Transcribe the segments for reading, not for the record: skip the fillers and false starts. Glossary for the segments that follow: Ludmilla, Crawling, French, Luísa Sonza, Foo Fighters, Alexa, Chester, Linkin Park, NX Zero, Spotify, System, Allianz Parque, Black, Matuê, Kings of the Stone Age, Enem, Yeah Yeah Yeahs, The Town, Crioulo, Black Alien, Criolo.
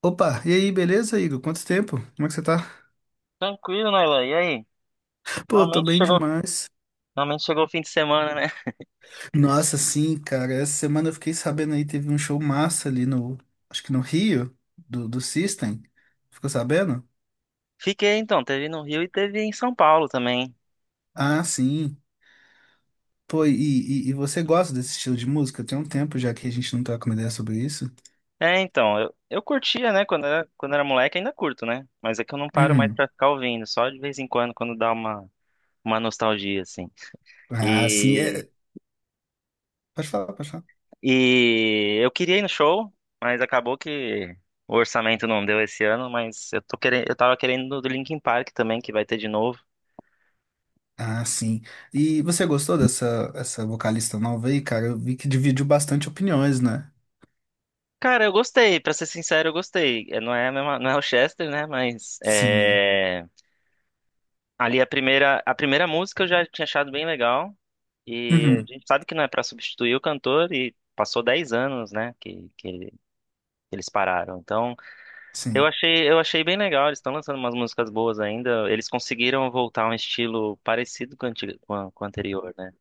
Opa, e aí, beleza, Igor? Quanto tempo? Como é que você tá? Tranquilo, Nailan. E aí? Pô, tô Normalmente bem chegou, demais. normalmente chegou o fim de semana, né? Nossa, sim, cara, essa semana eu fiquei sabendo aí, teve um show massa ali acho que no Rio, do System. Ficou sabendo? Fiquei então, teve no Rio e teve em São Paulo também. Ah, sim. Pô, e você gosta desse estilo de música? Tem um tempo já que a gente não troca uma ideia sobre isso. É, então, eu curtia, né? Quando era moleque, ainda curto, né? Mas é que eu não paro mais Uhum. pra ficar ouvindo, só de vez em quando, quando dá uma nostalgia, assim. Ah, sim, E, é... Pode falar, pode falar. e eu queria ir no show, mas acabou que o orçamento não deu esse ano, mas eu tô querendo, eu tava querendo do Linkin Park também, que vai ter de novo. Ah, sim. E você gostou dessa essa vocalista nova aí, cara? Eu vi que dividiu bastante opiniões, né? Cara, eu gostei, pra ser sincero, eu gostei. É, não é, não é o Chester, né? Mas Sim. é, ali a primeira música eu já tinha achado bem legal. E a Uhum. gente sabe que não é pra substituir o cantor e passou 10 anos, né, que que eles pararam. Então, Sim. Eu achei bem legal, eles estão lançando umas músicas boas ainda. Eles conseguiram voltar a um estilo parecido com o anti- com a- com o anterior, né?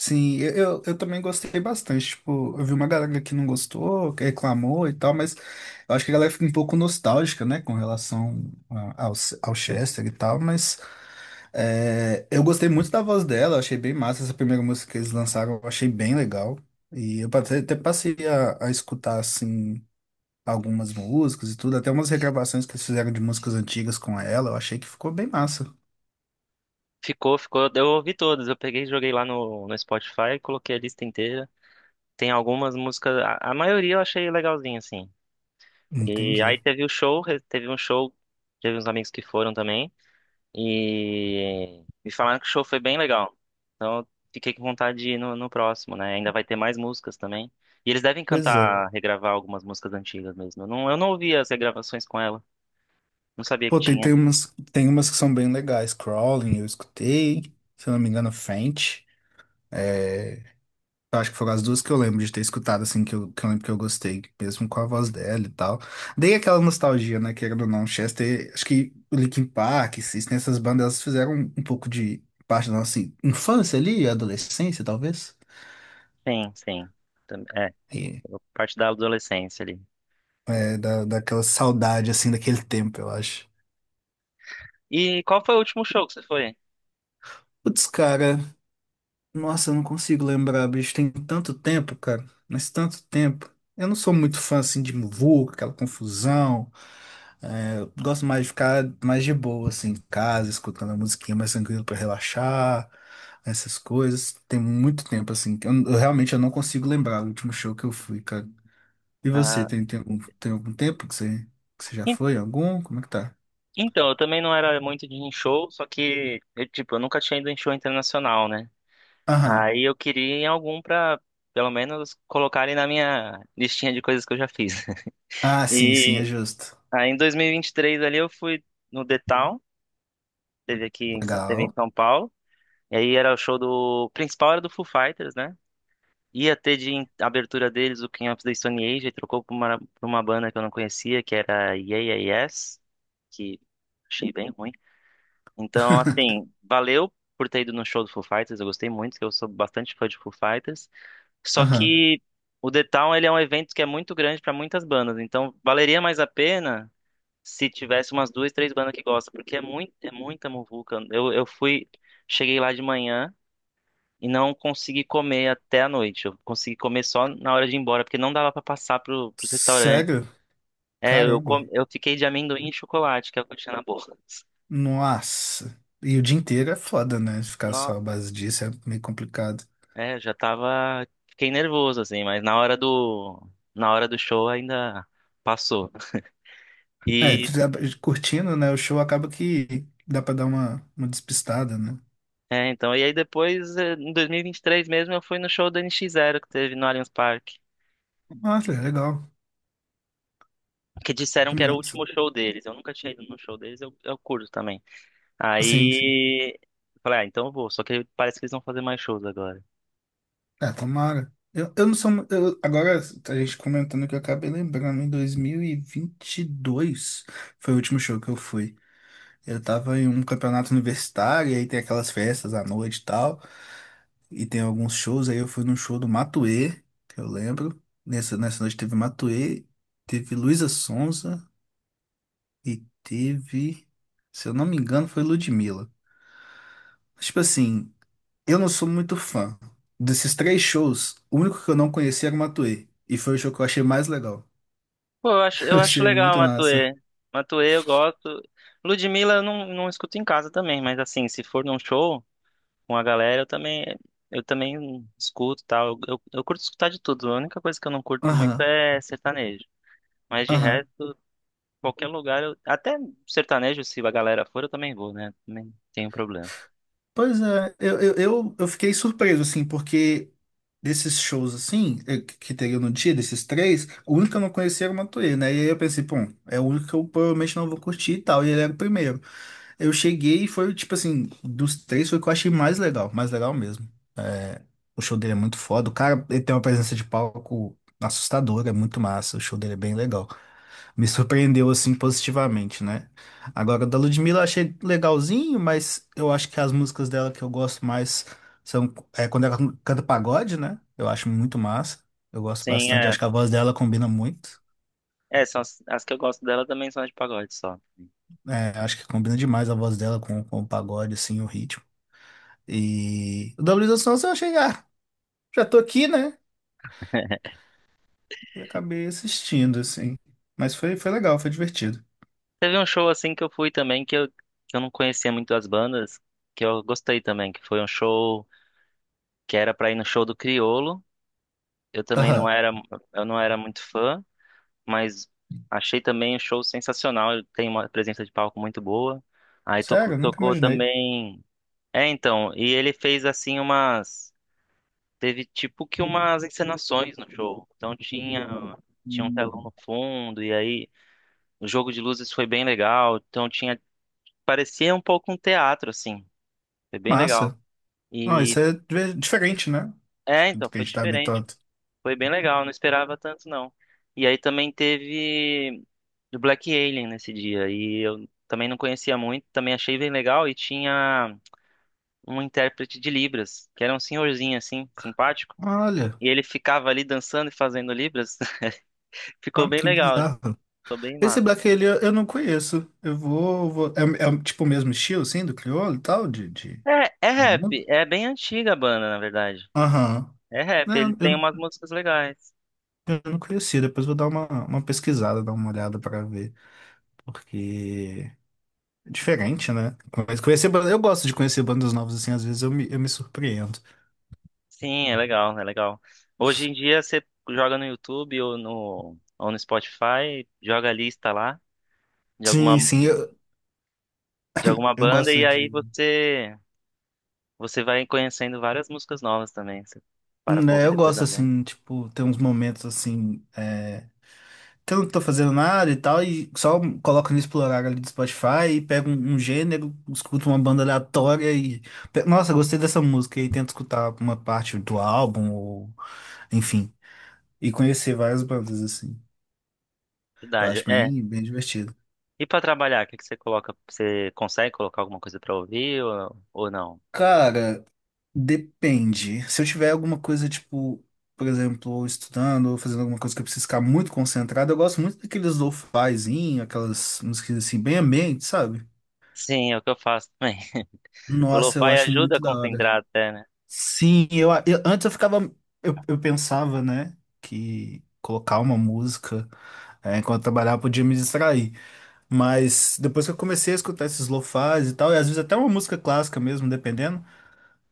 Sim, eu também gostei bastante. Tipo, eu vi uma galera que não gostou, que reclamou e tal, mas eu acho que a galera fica um pouco nostálgica, né, com relação ao Chester e tal. Mas é, eu gostei muito da voz dela, eu achei bem massa essa primeira música que eles lançaram, eu achei bem legal. E eu até passei a escutar, assim, algumas músicas e tudo, até umas regravações que eles fizeram de músicas antigas com ela, eu achei que ficou bem massa. Ficou, ficou. Eu ouvi todas, eu peguei, e joguei lá no Spotify, coloquei a lista inteira. Tem algumas músicas, a maioria eu achei legalzinha, assim. E Entendi. aí teve o show, teve uns amigos que foram também, e me falaram que o show foi bem legal. Então eu fiquei com vontade de ir no próximo, né? Ainda vai ter mais músicas também. E eles devem Pois é. cantar, regravar algumas músicas antigas mesmo. Eu não ouvi as regravações com ela, não sabia que Pô, tem, tinha. tem umas, tem umas que são bem legais. Crawling, eu escutei. Se eu não me engano, French. Eu acho que foram as duas que eu lembro de ter escutado, assim, que eu lembro que eu gostei, mesmo com a voz dela e tal. Dei aquela nostalgia, né, querendo ou não. Chester, acho que o Linkin Park, System, essas bandas, elas fizeram um pouco de parte da nossa infância ali, adolescência, talvez. Sim, sim. É, é, E, parte da adolescência ali. Daquela saudade, assim, daquele tempo, eu acho. E qual foi o último show que você foi? Putz, cara. Nossa, eu não consigo lembrar, bicho. Tem tanto tempo, cara. Mas tanto tempo. Eu não sou muito fã, assim, de muvuca, aquela confusão. Eu gosto mais de ficar mais de boa, assim, em casa, escutando a musiquinha mais tranquilo pra relaxar, essas coisas. Tem muito tempo, assim, que eu realmente eu não consigo lembrar o último show que eu fui, cara. E você, Ah, tem algum tempo que você já foi? Algum? Como é que tá? então, eu também não era muito de ir em show, só que eu, tipo, eu nunca tinha ido em show internacional, né? Aham. Aí eu queria ir em algum pra, pelo menos, colocarem na minha listinha de coisas que eu já fiz. Ah, sim, sim, é E justo. aí em 2023 ali eu fui no The Town, teve teve em Legal. São Paulo. E aí era o show do, o principal era do Foo Fighters, né? Ia ter abertura deles o King of the Stone Age, e trocou pra uma banda que eu não conhecia, que era Yeah Yeah Yes, que achei bem ruim. Então, assim, valeu por ter ido no show do Foo Fighters, eu gostei muito, que eu sou bastante fã de Foo Fighters. Só Aham. que o The Town, ele é um evento que é muito grande para muitas bandas, então valeria mais a pena se tivesse umas duas, três bandas que gostam, porque é muito, é muita muvuca. Eu fui, cheguei lá de manhã e não consegui comer até a noite. Eu consegui comer só na hora de ir embora, porque não dava para passar pros restaurantes. Sério? É, eu, Caramba. Eu fiquei de amendoim e chocolate, que é o que eu tinha na boca. Nossa. E o dia inteiro é foda, né? Ficar só à base disso é meio complicado. É, eu já tava. Fiquei nervoso, assim, mas na hora do. Na hora do show ainda passou. É, tu E. já- curtindo, né? O show acaba que dá pra dar uma despistada, né? É, então. E aí depois, em 2023 mesmo, eu fui no show do NX Zero que teve no Allianz Parque. Nossa, é legal. Que disseram Que que era o massa. último show deles. Eu nunca tinha ido no show deles, eu curto também. Sim, sim. Aí eu falei, ah, então eu vou. Só que parece que eles vão fazer mais shows agora. É, tomara. Eu não sou. Agora, a gente comentando que eu acabei lembrando, em dois mil e vinte e dois foi o último show que eu fui. Eu tava em um campeonato universitário, e aí tem aquelas festas à noite e tal. E tem alguns shows, aí eu fui num show do Matuê, que eu lembro. Nessa noite teve Matuê, teve Luísa Sonza e teve, se eu não me engano, foi Ludmilla. Tipo assim, eu não sou muito fã. Desses três shows, o único que eu não conhecia era o Matuê. E foi o show que eu achei mais legal. Pô, Eu eu acho achei legal a muito massa. Matuê. Matuê eu gosto. Ludmilla eu não, não escuto em casa também, mas assim, se for num show com a galera, eu também escuto e tal. Eu curto escutar de tudo. A única coisa que eu não curto muito Aham, é sertanejo. Mas de aham. resto, qualquer lugar, eu, até sertanejo, se a galera for, eu também vou, né? Também não tenho problema. Pois é, eu fiquei surpreso, assim, porque desses shows, assim, que teria no dia, desses três, o único que eu não conhecia era o Matuê, né? E aí eu pensei, pô, é o único que eu provavelmente não vou curtir e tal, e ele era o primeiro. Eu cheguei e foi, tipo assim, dos três foi o que eu achei mais legal mesmo. É, O show dele é muito foda, o cara, ele tem uma presença de palco assustadora, é muito massa, o show dele é bem legal. Me surpreendeu assim positivamente, né? Agora, da Ludmilla eu achei legalzinho, mas eu acho que as músicas dela que eu gosto mais são quando ela canta pagode, né? Eu acho muito massa. Eu gosto Sim, bastante, é. acho que a voz dela combina muito. É, são as, as que eu gosto dela também são as de pagode só. Acho que combina demais a voz dela com o pagode, assim, o ritmo. E o da Luísa Sonza eu achei, ah, já tô aqui, né? E acabei assistindo, assim. Mas foi legal, foi divertido. Teve um show assim que eu fui também, que eu não conhecia muito as bandas, que eu gostei também, que foi um show que era pra ir no show do Criolo. Eu também não Aham. era, eu não era muito fã, mas achei também o show sensacional. Ele tem uma presença de palco muito boa. Aí tocou, Sério, eu nunca tocou imaginei. também. É, então, e ele fez assim umas. Teve tipo que umas encenações no show. Então tinha, tinha um telão no fundo, e aí o jogo de luzes foi bem legal. Então tinha. Parecia um pouco um teatro, assim. Foi bem legal. Massa. Não, E isso é diferente, né? é, Do então, que a foi gente tá diferente. habituado. Foi bem legal, não esperava tanto, não. E aí também teve do Black Alien nesse dia. E eu também não conhecia muito, também achei bem legal. E tinha um intérprete de Libras, que era um senhorzinho assim, simpático. Olha, E ele ficava ali dançando e fazendo Libras. Ficou ó, bem que legal, bizarro. ficou bem Esse massa. Black ele eu não conheço. É um, tipo o mesmo estilo, assim, do crioulo e tal, de, de, É, é de rap, música? é bem antiga a banda, na verdade. Aham. É rap, ele É, tem umas eu, músicas legais. eu não conhecia. Depois vou dar uma pesquisada, dar uma olhada pra ver. Porque é diferente, né? Mas eu gosto de conhecer bandas novas, assim, às vezes eu me surpreendo. Sim, é legal, é legal. Hoje em dia você joga no YouTube ou no Spotify, joga a lista lá de alguma, Sim, sim, de alguma eu banda gosto e aí de. você você vai conhecendo várias músicas novas também. Você para pra Né, ouvir eu depois da gosto, banda. assim, tipo, ter uns momentos, assim. Que eu não tô fazendo nada e tal, e só coloco no explorar ali do Spotify e pego um gênero, escuto uma banda aleatória. Nossa, gostei dessa música e tento escutar uma parte do álbum, ou enfim, e conhecer várias bandas assim. Eu Verdade. acho É. bem, bem divertido. E pra trabalhar, o que que você coloca? Você consegue colocar alguma coisa pra ouvir ou não? Cara, depende. Se eu tiver alguma coisa, tipo, por exemplo, estudando ou fazendo alguma coisa que eu preciso ficar muito concentrado, eu gosto muito daqueles lo-fizinho, aquelas músicas assim, bem ambiente, sabe? Sim, é o que eu faço também. O Nossa, eu lo-fi acho ajuda a muito da hora. concentrar até, né? Sim, antes eu ficava, eu pensava, né, que colocar uma música, enquanto eu trabalhava podia me distrair, mas depois que eu comecei a escutar esses lo-fis e tal, e às vezes até uma música clássica mesmo, dependendo,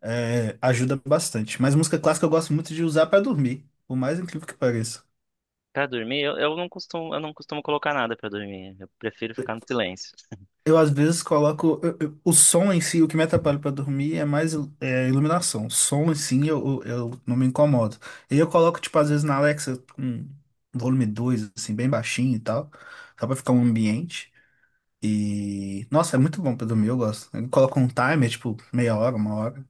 ajuda bastante. Mas música clássica eu gosto muito de usar para dormir, por mais incrível que pareça. Pra dormir, eu não costumo colocar nada pra dormir. Eu prefiro ficar no silêncio. Eu às vezes coloco o som em si, o que me atrapalha para dormir é mais, iluminação. O som em si eu não me incomodo. E eu coloco, tipo, às vezes na Alexa com volume 2 assim, bem baixinho e tal, só pra ficar um ambiente. E nossa, é muito bom pra dormir, eu gosto. Eu coloco um timer, tipo, meia hora, uma hora,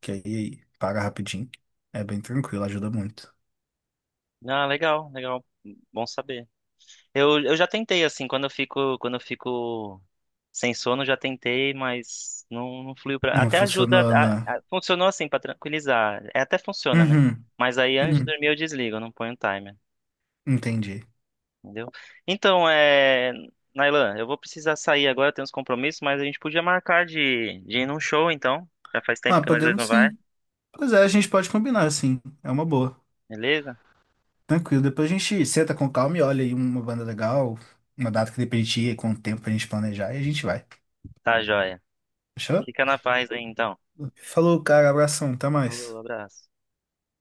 que aí paga rapidinho. É bem tranquilo, ajuda muito. Ah, legal, legal. Bom saber. Eu já tentei, assim, quando eu fico sem sono, já tentei, mas não, não fluiu pra... Não Até ajuda, funcionou na. Funcionou assim, pra tranquilizar. É, até funciona, né? Uhum, Mas aí antes de uhum, dormir eu desligo, eu não ponho timer, entendi. entendeu? Então, é... Nailan, eu vou precisar sair agora, eu tenho uns compromissos, mas a gente podia marcar de ir num show, então. Já faz tempo Ah, que nós dois podemos não vai, sim. Pois é, a gente pode combinar, sim. É uma boa. beleza? Tranquilo, depois a gente senta com calma e olha aí uma banda legal, uma data que dê pra gente ir, com o tempo pra gente planejar e a gente vai. Tá, joia. Fechou? Fica na paz aí, então. Falou, cara, abração, até Falou, mais. abraço.